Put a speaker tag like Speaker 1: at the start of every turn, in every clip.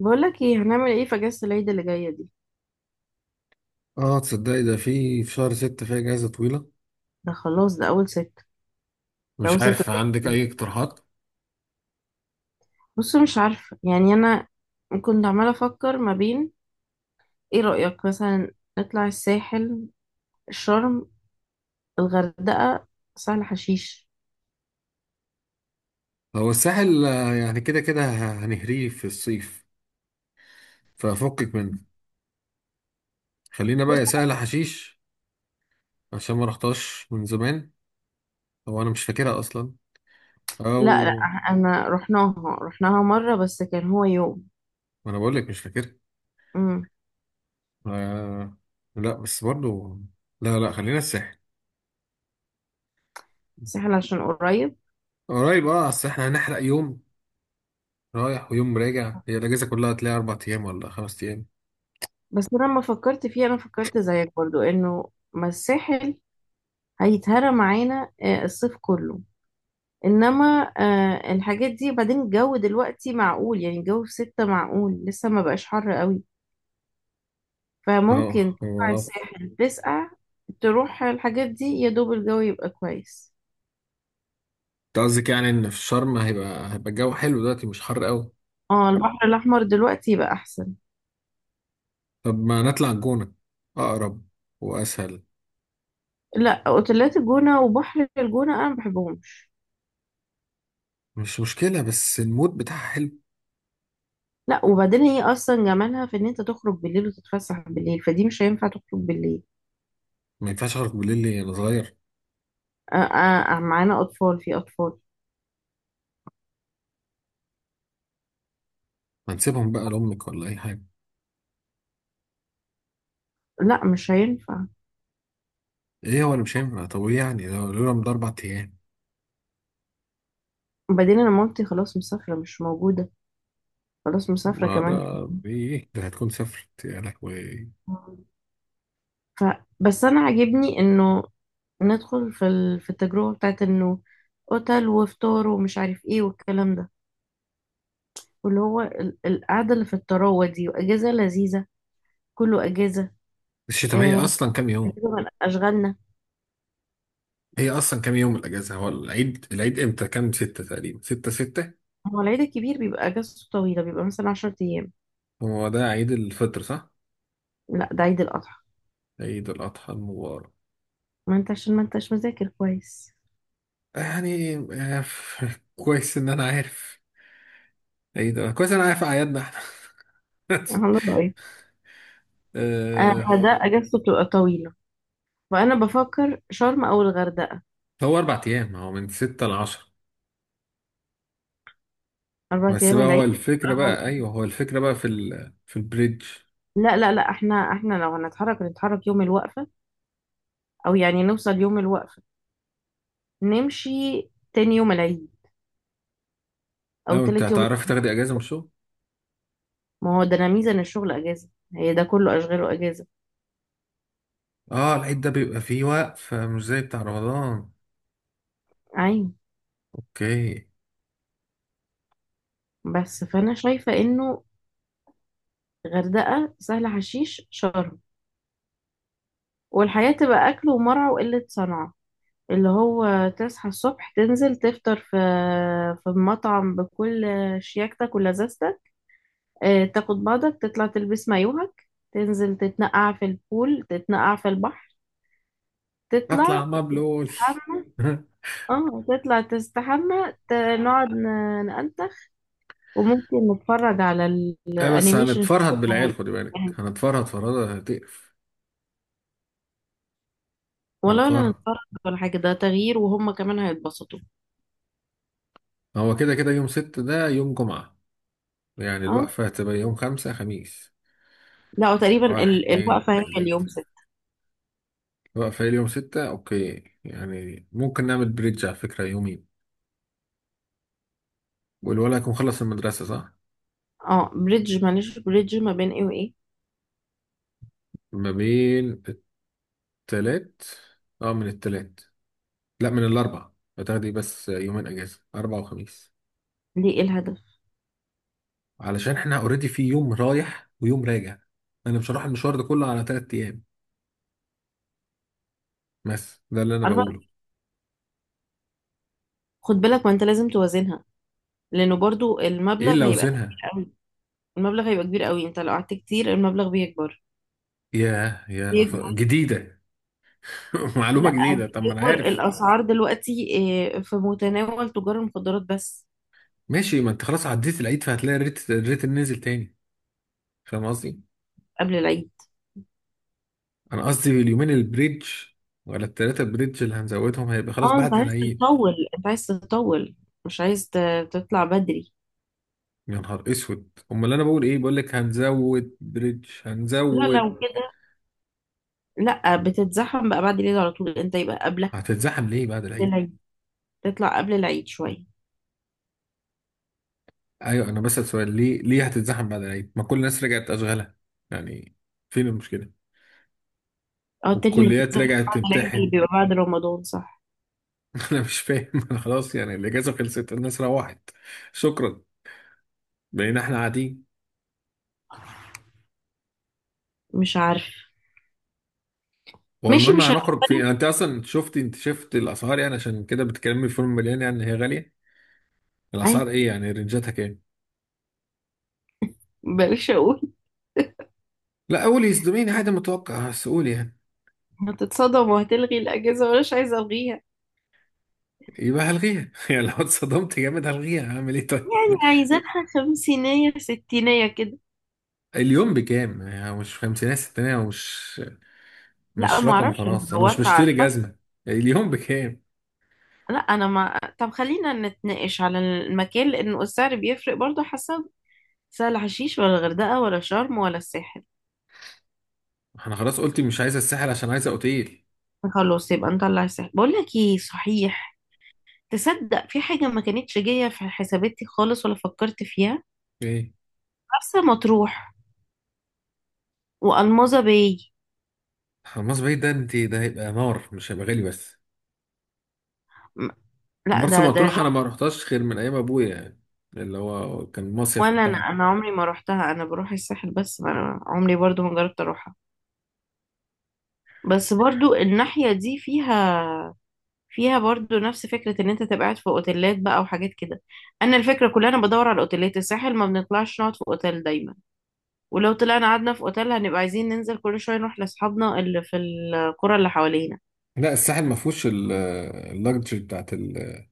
Speaker 1: بقولك ايه، هنعمل ايه في اجازة العيد اللي جاية دي؟
Speaker 2: اه، تصدقي ده في شهر ستة فيها اجازة طويلة.
Speaker 1: ده خلاص، ده اول ست. ده
Speaker 2: مش
Speaker 1: اول ست.
Speaker 2: عارف، عندك اي اقتراحات؟
Speaker 1: بص، مش عارفة يعني. انا كنت عمالة افكر ما بين. ايه رأيك مثلا نطلع الساحل، الشرم، الغردقة، سهل حشيش؟
Speaker 2: هو الساحل آه، يعني كده كده هنهريه في الصيف، ففكك منه. خلينا بقى
Speaker 1: بص.
Speaker 2: يا سهل حشيش، عشان ما رحتهاش من زمان. هو انا مش فاكرها اصلا.
Speaker 1: لا لا،
Speaker 2: او،
Speaker 1: انا رحناها. رحناها مرة بس كان هو يوم.
Speaker 2: ما انا بقول لك مش فاكرها.
Speaker 1: امم.
Speaker 2: آه. لا بس برضو. لا لا، خلينا الساحل.
Speaker 1: الساحل عشان قريب.
Speaker 2: قريب، اه اصل احنا هنحرق يوم رايح ويوم راجع، هي الاجازة كلها هتلاقي 4 أيام ولا 5 أيام.
Speaker 1: بس انا لما فكرت فيه انا فكرت زيك برضو انه ما الساحل هيتهرى معانا الصيف كله. انما الحاجات دي بعدين. الجو دلوقتي معقول، يعني الجو في ستة معقول لسه ما بقاش حر قوي.
Speaker 2: اه
Speaker 1: فممكن تطلع
Speaker 2: هو،
Speaker 1: الساحل تسقع. تروح الحاجات دي يا دوب الجو يبقى كويس.
Speaker 2: انت قصدك يعني ان في شرم هيبقى الجو حلو دلوقتي مش حر قوي؟
Speaker 1: اه، البحر الاحمر دلوقتي يبقى احسن.
Speaker 2: طب ما نطلع الجونة، اقرب واسهل.
Speaker 1: لا، اوتيلات الجونة وبحر الجونة انا ما بحبهمش.
Speaker 2: مش مشكلة بس المود بتاعها حلو.
Speaker 1: لا، وبعدين هي اصلا جمالها في ان انت تخرج بالليل وتتفسح بالليل، فدي مش هينفع تخرج بالليل.
Speaker 2: ما ينفعش اخرج بالليل ليه، انا صغير؟
Speaker 1: آه آه معانا اطفال، في اطفال.
Speaker 2: ما نسيبهم بقى لامك ولا اي حاجة.
Speaker 1: لا مش هينفع.
Speaker 2: ايه هو اللي مش هينفع؟ طب ايه يعني، ده لولا من ده 4 أيام.
Speaker 1: وبعدين انا مامتي خلاص مسافرة، مش موجودة. خلاص مسافرة
Speaker 2: ما ده،
Speaker 1: كمان.
Speaker 2: ايه ده، هتكون سافرت يا لهوي.
Speaker 1: ف بس أنا عاجبني إنه ندخل في في التجربة بتاعت إنه أوتيل وفطار ومش عارف إيه والكلام ده، واللي هو القعدة اللي في الطراوة دي، وأجازة لذيذة. كله أجازة.
Speaker 2: الشتا، طب هي
Speaker 1: آه،
Speaker 2: اصلا كام يوم؟
Speaker 1: أجازة من أشغالنا.
Speaker 2: هي اصلا كام يوم الاجازة، هو العيد، العيد امتى؟ كام ستة تقريبا، ستة ستة.
Speaker 1: هو العيد الكبير بيبقى أجازته طويلة، بيبقى مثلا 10 أيام.
Speaker 2: هو ده عيد الفطر صح؟
Speaker 1: لا، ده عيد الأضحى.
Speaker 2: عيد الاضحى المبارك.
Speaker 1: ما أنت عشان ما أنتش مذاكر كويس.
Speaker 2: يعني آه، كويس ان انا عارف. ايه ده، كويس ان انا عارف اعيادنا احنا.
Speaker 1: الله رأيك؟
Speaker 2: آه،
Speaker 1: فده أجازته بتبقى طويلة، فأنا بفكر شرم أو الغردقة.
Speaker 2: هو 4 أيام، هو من ستة لعشرة.
Speaker 1: أربع
Speaker 2: بس
Speaker 1: أيام
Speaker 2: بقى هو
Speaker 1: العيد.
Speaker 2: الفكرة بقى، ايوه هو الفكرة بقى في في البريدج.
Speaker 1: لا لا لا، احنا لو هنتحرك نتحرك يوم الوقفة، او يعني نوصل يوم الوقفة، نمشي تاني يوم العيد او
Speaker 2: اه، انت
Speaker 1: تالت يوم.
Speaker 2: هتعرفي تاخدي اجازة من الشغل؟
Speaker 1: ما هو ده، انا ميزة ان الشغل اجازة. هي ده كله اشغاله اجازة.
Speaker 2: اه العيد ده بيبقى فيه وقف، مش زي بتاع رمضان.
Speaker 1: ايوه.
Speaker 2: اوكي.
Speaker 1: بس فانا شايفة انه غردقة، سهل حشيش، شرم، والحياة تبقى اكل ومرعى وقلة صنعة. اللي هو تصحى الصبح، تنزل تفطر في مطعم بكل شياكتك ولذاذتك. اه، تاخد بعضك، تطلع تلبس مايوهك، تنزل تتنقع في البول، تتنقع في البحر،
Speaker 2: اطلع
Speaker 1: تطلع،
Speaker 2: مبلول.
Speaker 1: تحمى. اه، تطلع تستحمى، نقعد نأنتخ. وممكن نتفرج على
Speaker 2: ايه بس
Speaker 1: الانيميشن
Speaker 2: هنتفرهد
Speaker 1: شوية
Speaker 2: بالعيال،
Speaker 1: لو
Speaker 2: خدي بالك،
Speaker 1: يعني.
Speaker 2: هنتفرهد فرهدة هتقرف.
Speaker 1: ولا
Speaker 2: هنتفرهد.
Speaker 1: نتفرج ولا حاجة. ده تغيير، وهم كمان هيتبسطوا.
Speaker 2: هو كده كده يوم ست ده يوم جمعة، يعني
Speaker 1: اه.
Speaker 2: الوقفة هتبقى يوم خمسة خميس.
Speaker 1: لا، وتقريبا
Speaker 2: واحد اتنين
Speaker 1: الوقفة هي
Speaker 2: تلاتة.
Speaker 1: اليوم ستة.
Speaker 2: الوقفة هي اليوم ستة، أوكي، يعني ممكن نعمل بريدج على فكرة يومين. والولد هيكون خلص المدرسة صح؟
Speaker 1: اه، بريدج. معلش، بريدج ما بين ايه وايه؟
Speaker 2: ما بين التلات. اه، من التلات. لا، من الأربع. هتاخدي بس يومين أجازة، أربع وخميس.
Speaker 1: ليه؟ ايه الهدف؟
Speaker 2: علشان احنا اوريدي، في يوم رايح ويوم راجع. أنا مش هروح المشوار ده كله على 3 أيام. بس ده اللي أنا
Speaker 1: أربعة.
Speaker 2: بقوله.
Speaker 1: خد بالك، وانت لازم توازنها. لانه برضو
Speaker 2: إيه
Speaker 1: المبلغ
Speaker 2: اللي
Speaker 1: هيبقى
Speaker 2: أوزنها؟
Speaker 1: كبير قوي. المبلغ هيبقى كبير قوي. انت لو قعدت كتير المبلغ بيكبر.
Speaker 2: ياه يا جديدة. معلومة
Speaker 1: لا،
Speaker 2: جديدة، طب ما أنا
Speaker 1: هتجبر
Speaker 2: عارف.
Speaker 1: الاسعار دلوقتي. في متناول تجار المخدرات بس.
Speaker 2: ماشي، ما انت خلاص عديت العيد، فهتلاقي الريت نزل تاني. فاهم قصدي؟
Speaker 1: قبل العيد.
Speaker 2: انا قصدي اليومين البريدج، ولا التلاتة بريدج اللي هنزودهم هيبقى خلاص
Speaker 1: اه، انت
Speaker 2: بعد
Speaker 1: عايز
Speaker 2: العيد.
Speaker 1: تطول، انت عايز تطول. مش عايز تطلع بدري.
Speaker 2: يا نهار اسود، امال اللي انا بقول، ايه بقول لك هنزود بريدج
Speaker 1: لا،
Speaker 2: هنزود.
Speaker 1: لو كده. لا، بتتزحم بقى بعد العيد على طول. انت يبقى قبلها.
Speaker 2: هتتزحم ليه بعد
Speaker 1: قبل
Speaker 2: العيد؟
Speaker 1: العيد. تطلع قبل العيد شويه.
Speaker 2: ايوه انا بسأل سؤال، ليه هتتزحم بعد العيد، ما كل الناس رجعت اشغالها يعني؟ فين المشكلة؟
Speaker 1: اه، التاني اللي
Speaker 2: والكليات
Speaker 1: بتتزحم
Speaker 2: رجعت
Speaker 1: بعد العيد اللي
Speaker 2: تمتحن.
Speaker 1: بيبقى بعد رمضان، صح.
Speaker 2: انا مش فاهم، انا خلاص، يعني الاجازة خلصت، الناس روحت. شكرا. بقينا احنا قاعدين.
Speaker 1: مش عارف.
Speaker 2: هو
Speaker 1: ماشي،
Speaker 2: المهم
Speaker 1: مش عارف.
Speaker 2: هنخرج فين؟ انت اصلا شفت انت شفت الاسعار، يعني عشان كده بتكلمني في فيلم مليان، يعني هي غاليه. الاسعار
Speaker 1: عادي،
Speaker 2: ايه يعني، رينجاتها كام؟
Speaker 1: بلاش اقول.
Speaker 2: لا قولي، يصدميني، عادي، متوقع سؤال يعني.
Speaker 1: هتتصدم وهتلغي الاجازه ومش عايزه الغيها.
Speaker 2: يبقى هلغيها. يعني لو اتصدمت جامد هلغيها، هعمل ايه طيب؟
Speaker 1: يعني عايزينها خمسينية ستينية كده.
Speaker 2: اليوم بكام يعني، مش خمسينات ستينات، ومش
Speaker 1: لا،
Speaker 2: مش
Speaker 1: ما
Speaker 2: رقم،
Speaker 1: اعرفش. أنا
Speaker 2: خلاص انا مش
Speaker 1: دورت على
Speaker 2: بشتري
Speaker 1: الفرق.
Speaker 2: جزمه. اليوم بكام؟
Speaker 1: لا، انا ما طب خلينا نتناقش على المكان لانه السعر بيفرق برضو حسب. سهل حشيش ولا الغردقه ولا شرم ولا الساحل؟
Speaker 2: انا خلاص قلت مش عايزه الساحل، عشان عايزه اوتيل.
Speaker 1: خلاص يبقى نطلع الساحل. بقول لك ايه صحيح، تصدق في حاجه ما كانتش جايه في حساباتي خالص ولا فكرت فيها؟
Speaker 2: ايه؟
Speaker 1: مرسى مطروح والمظة باي.
Speaker 2: حماس بعيد، ده انت، ده هيبقى نار، مش هيبقى غالي بس.
Speaker 1: م- لا،
Speaker 2: مرسى
Speaker 1: ده
Speaker 2: مطروح انا ما رحتهاش غير من ايام ابويا يعني، اللي هو كان المصيف
Speaker 1: ولا انا
Speaker 2: بتاعنا.
Speaker 1: انا عمري ما روحتها. انا بروح الساحل بس، ما أنا عمري برضو ما جربت اروحها. بس برضو الناحيه دي فيها، برضو نفس فكرة ان انت تبقى قاعد في اوتيلات بقى وحاجات كده. انا الفكرة كلها انا بدور على اوتيلات الساحل، ما بنطلعش نقعد في اوتيل دايما. ولو طلعنا قعدنا في اوتيل هنبقى عايزين ننزل كل شوية نروح لاصحابنا اللي في القرى اللي حوالينا.
Speaker 2: لا الساحل ما فيهوش اللاكجري بتاعت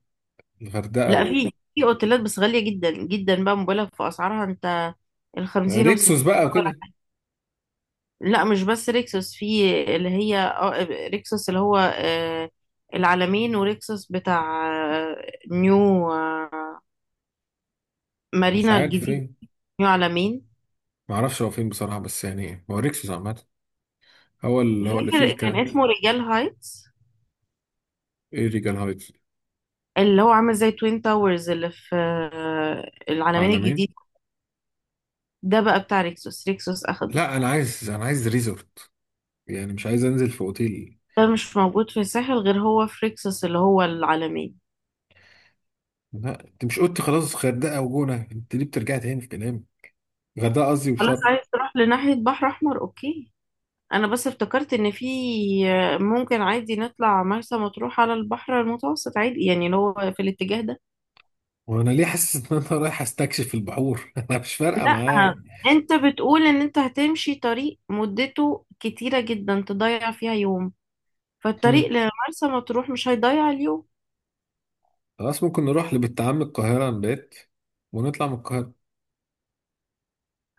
Speaker 2: الغردقه
Speaker 1: لا،
Speaker 2: وال-
Speaker 1: في اوتيلات بس غالية جدا جدا بقى، مبالغ في اسعارها انت. الخمسين
Speaker 2: ريكسوس
Speaker 1: والستين.
Speaker 2: بقى وكده.
Speaker 1: لا، مش بس ريكسوس. في اللي هي ريكسوس، اللي هو العلمين. وريكسوس بتاع آه، نيو
Speaker 2: مش
Speaker 1: مارينا
Speaker 2: عارف
Speaker 1: الجديد.
Speaker 2: فين.
Speaker 1: نيو علمين.
Speaker 2: ما اعرفش هو فين بصراحه، بس يعني هو ريكسوس عامه، هو اللي هو فيه
Speaker 1: فاكر كان
Speaker 2: الكلام.
Speaker 1: اسمه رجال هايتس.
Speaker 2: ايه ريجال هايتس.
Speaker 1: اللي هو عامل زي توين تاورز اللي في العلمين
Speaker 2: عالمين.
Speaker 1: الجديد. ده بقى بتاع ريكسوس. اخده.
Speaker 2: لا انا عايز ريزورت، يعني مش عايز انزل في اوتيل.
Speaker 1: ده مش موجود في الساحل غير هو في ريكسوس اللي هو العلمين.
Speaker 2: لا انت مش قلت خلاص غردقه وجونه، انت ليه بترجع تاني في كلام؟ غردقه قصدي
Speaker 1: خلاص،
Speaker 2: وشرم.
Speaker 1: عايز تروح لناحية بحر احمر، اوكي. انا بس افتكرت ان في، ممكن عادي نطلع مرسى مطروح على البحر المتوسط عادي، يعني اللي هو في الاتجاه ده.
Speaker 2: وانا ليه حاسس ان انا رايح استكشف البحور؟ انا مش فارقه
Speaker 1: لا،
Speaker 2: معايا.
Speaker 1: انت بتقول ان انت هتمشي طريق مدته كتيرة جدا تضيع فيها يوم. فالطريق
Speaker 2: مم.
Speaker 1: لمرسى مطروح مش هيضيع اليوم.
Speaker 2: خلاص ممكن نروح لبنت عم القاهرة نبات، ونطلع من القاهرة.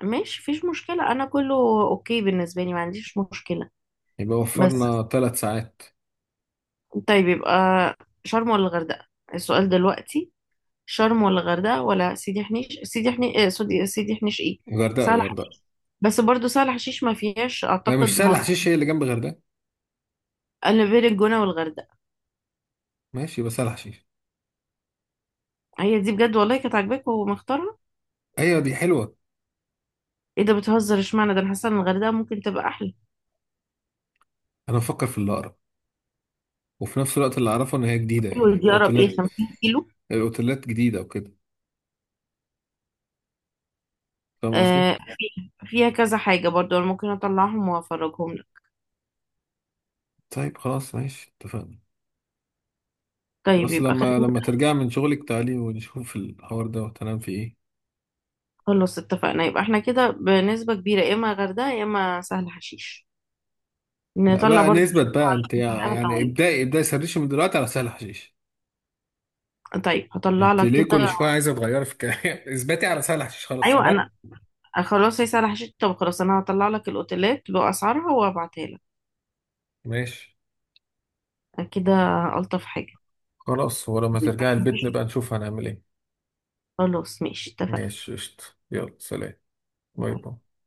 Speaker 1: ماشي، مفيش مشكلة. أنا كله أوكي بالنسبة لي. ما عنديش مشكلة.
Speaker 2: يبقى
Speaker 1: بس
Speaker 2: وفرنا 3 ساعات.
Speaker 1: طيب، يبقى شرم ولا الغردقة؟ السؤال دلوقتي شرم ولا الغردقة ولا سيدي حنيش؟ سيدي حنيش إيه؟ سوري، سيدي حنيش إيه،
Speaker 2: غردقة
Speaker 1: سهل
Speaker 2: غردقة.
Speaker 1: حشيش. بس برضو سهل حشيش ما فيهاش
Speaker 2: آه، مش
Speaker 1: أعتقد
Speaker 2: سهل
Speaker 1: موضوع.
Speaker 2: حشيش هي اللي جنب غردقة.
Speaker 1: أنا بين الجونة والغردقة.
Speaker 2: ماشي، يبقى سهل حشيش.
Speaker 1: هي دي بجد، والله كانت عاجباك ومختارها.
Speaker 2: أيوة دي حلوة.
Speaker 1: إيه ده، بتهزر؟ اشمعنى ده، أنا حاسة إن الغردقة ممكن تبقى أحلى.
Speaker 2: أنا بفكر في اللي أقرب، وفي نفس الوقت اللي أعرفه إن هي جديدة
Speaker 1: حلوة،
Speaker 2: يعني
Speaker 1: دي أقرب. إيه،
Speaker 2: الأوتيلات.
Speaker 1: 50 كيلو.
Speaker 2: الأوتيلات جديدة وكده. فاهم قصدي؟
Speaker 1: فيها كذا حاجة برضو، أنا ممكن أطلعهم وأفرجهم لك.
Speaker 2: طيب خلاص ماشي، اتفقنا.
Speaker 1: طيب
Speaker 2: خلاص،
Speaker 1: يبقى
Speaker 2: لما
Speaker 1: خلينا.
Speaker 2: لما ترجع من شغلك تعالي ونشوف الحوار ده، وتنام في إيه.
Speaker 1: خلاص، اتفقنا. يبقى احنا كده بنسبة كبيرة يا إما غردقة يا إما سهل حشيش.
Speaker 2: لا
Speaker 1: نطلع
Speaker 2: بقى
Speaker 1: برضو
Speaker 2: نثبت بقى أنت،
Speaker 1: حاجة
Speaker 2: يعني
Speaker 1: طويلة.
Speaker 2: ابدأي سرشي من دلوقتي على سهل حشيش.
Speaker 1: طيب هطلع
Speaker 2: انت
Speaker 1: لك
Speaker 2: ليه كل
Speaker 1: كده.
Speaker 2: شويه عايزه تغيري في الكلام؟ اثبتي على سلح، خلاص
Speaker 1: أيوة
Speaker 2: ثبت.
Speaker 1: أنا، خلاص، هي سهل حشيش. طب خلاص، أنا هطلع لك الأوتيلات بأسعارها وأبعتها لك
Speaker 2: ماشي،
Speaker 1: كده. ألطف حاجة.
Speaker 2: خلاص ولما ترجعي البيت نبقى نشوف هنعمل ايه.
Speaker 1: خلاص ماشي، اتفقنا.
Speaker 2: ماشي قشطة. يلا سلام. باي باي.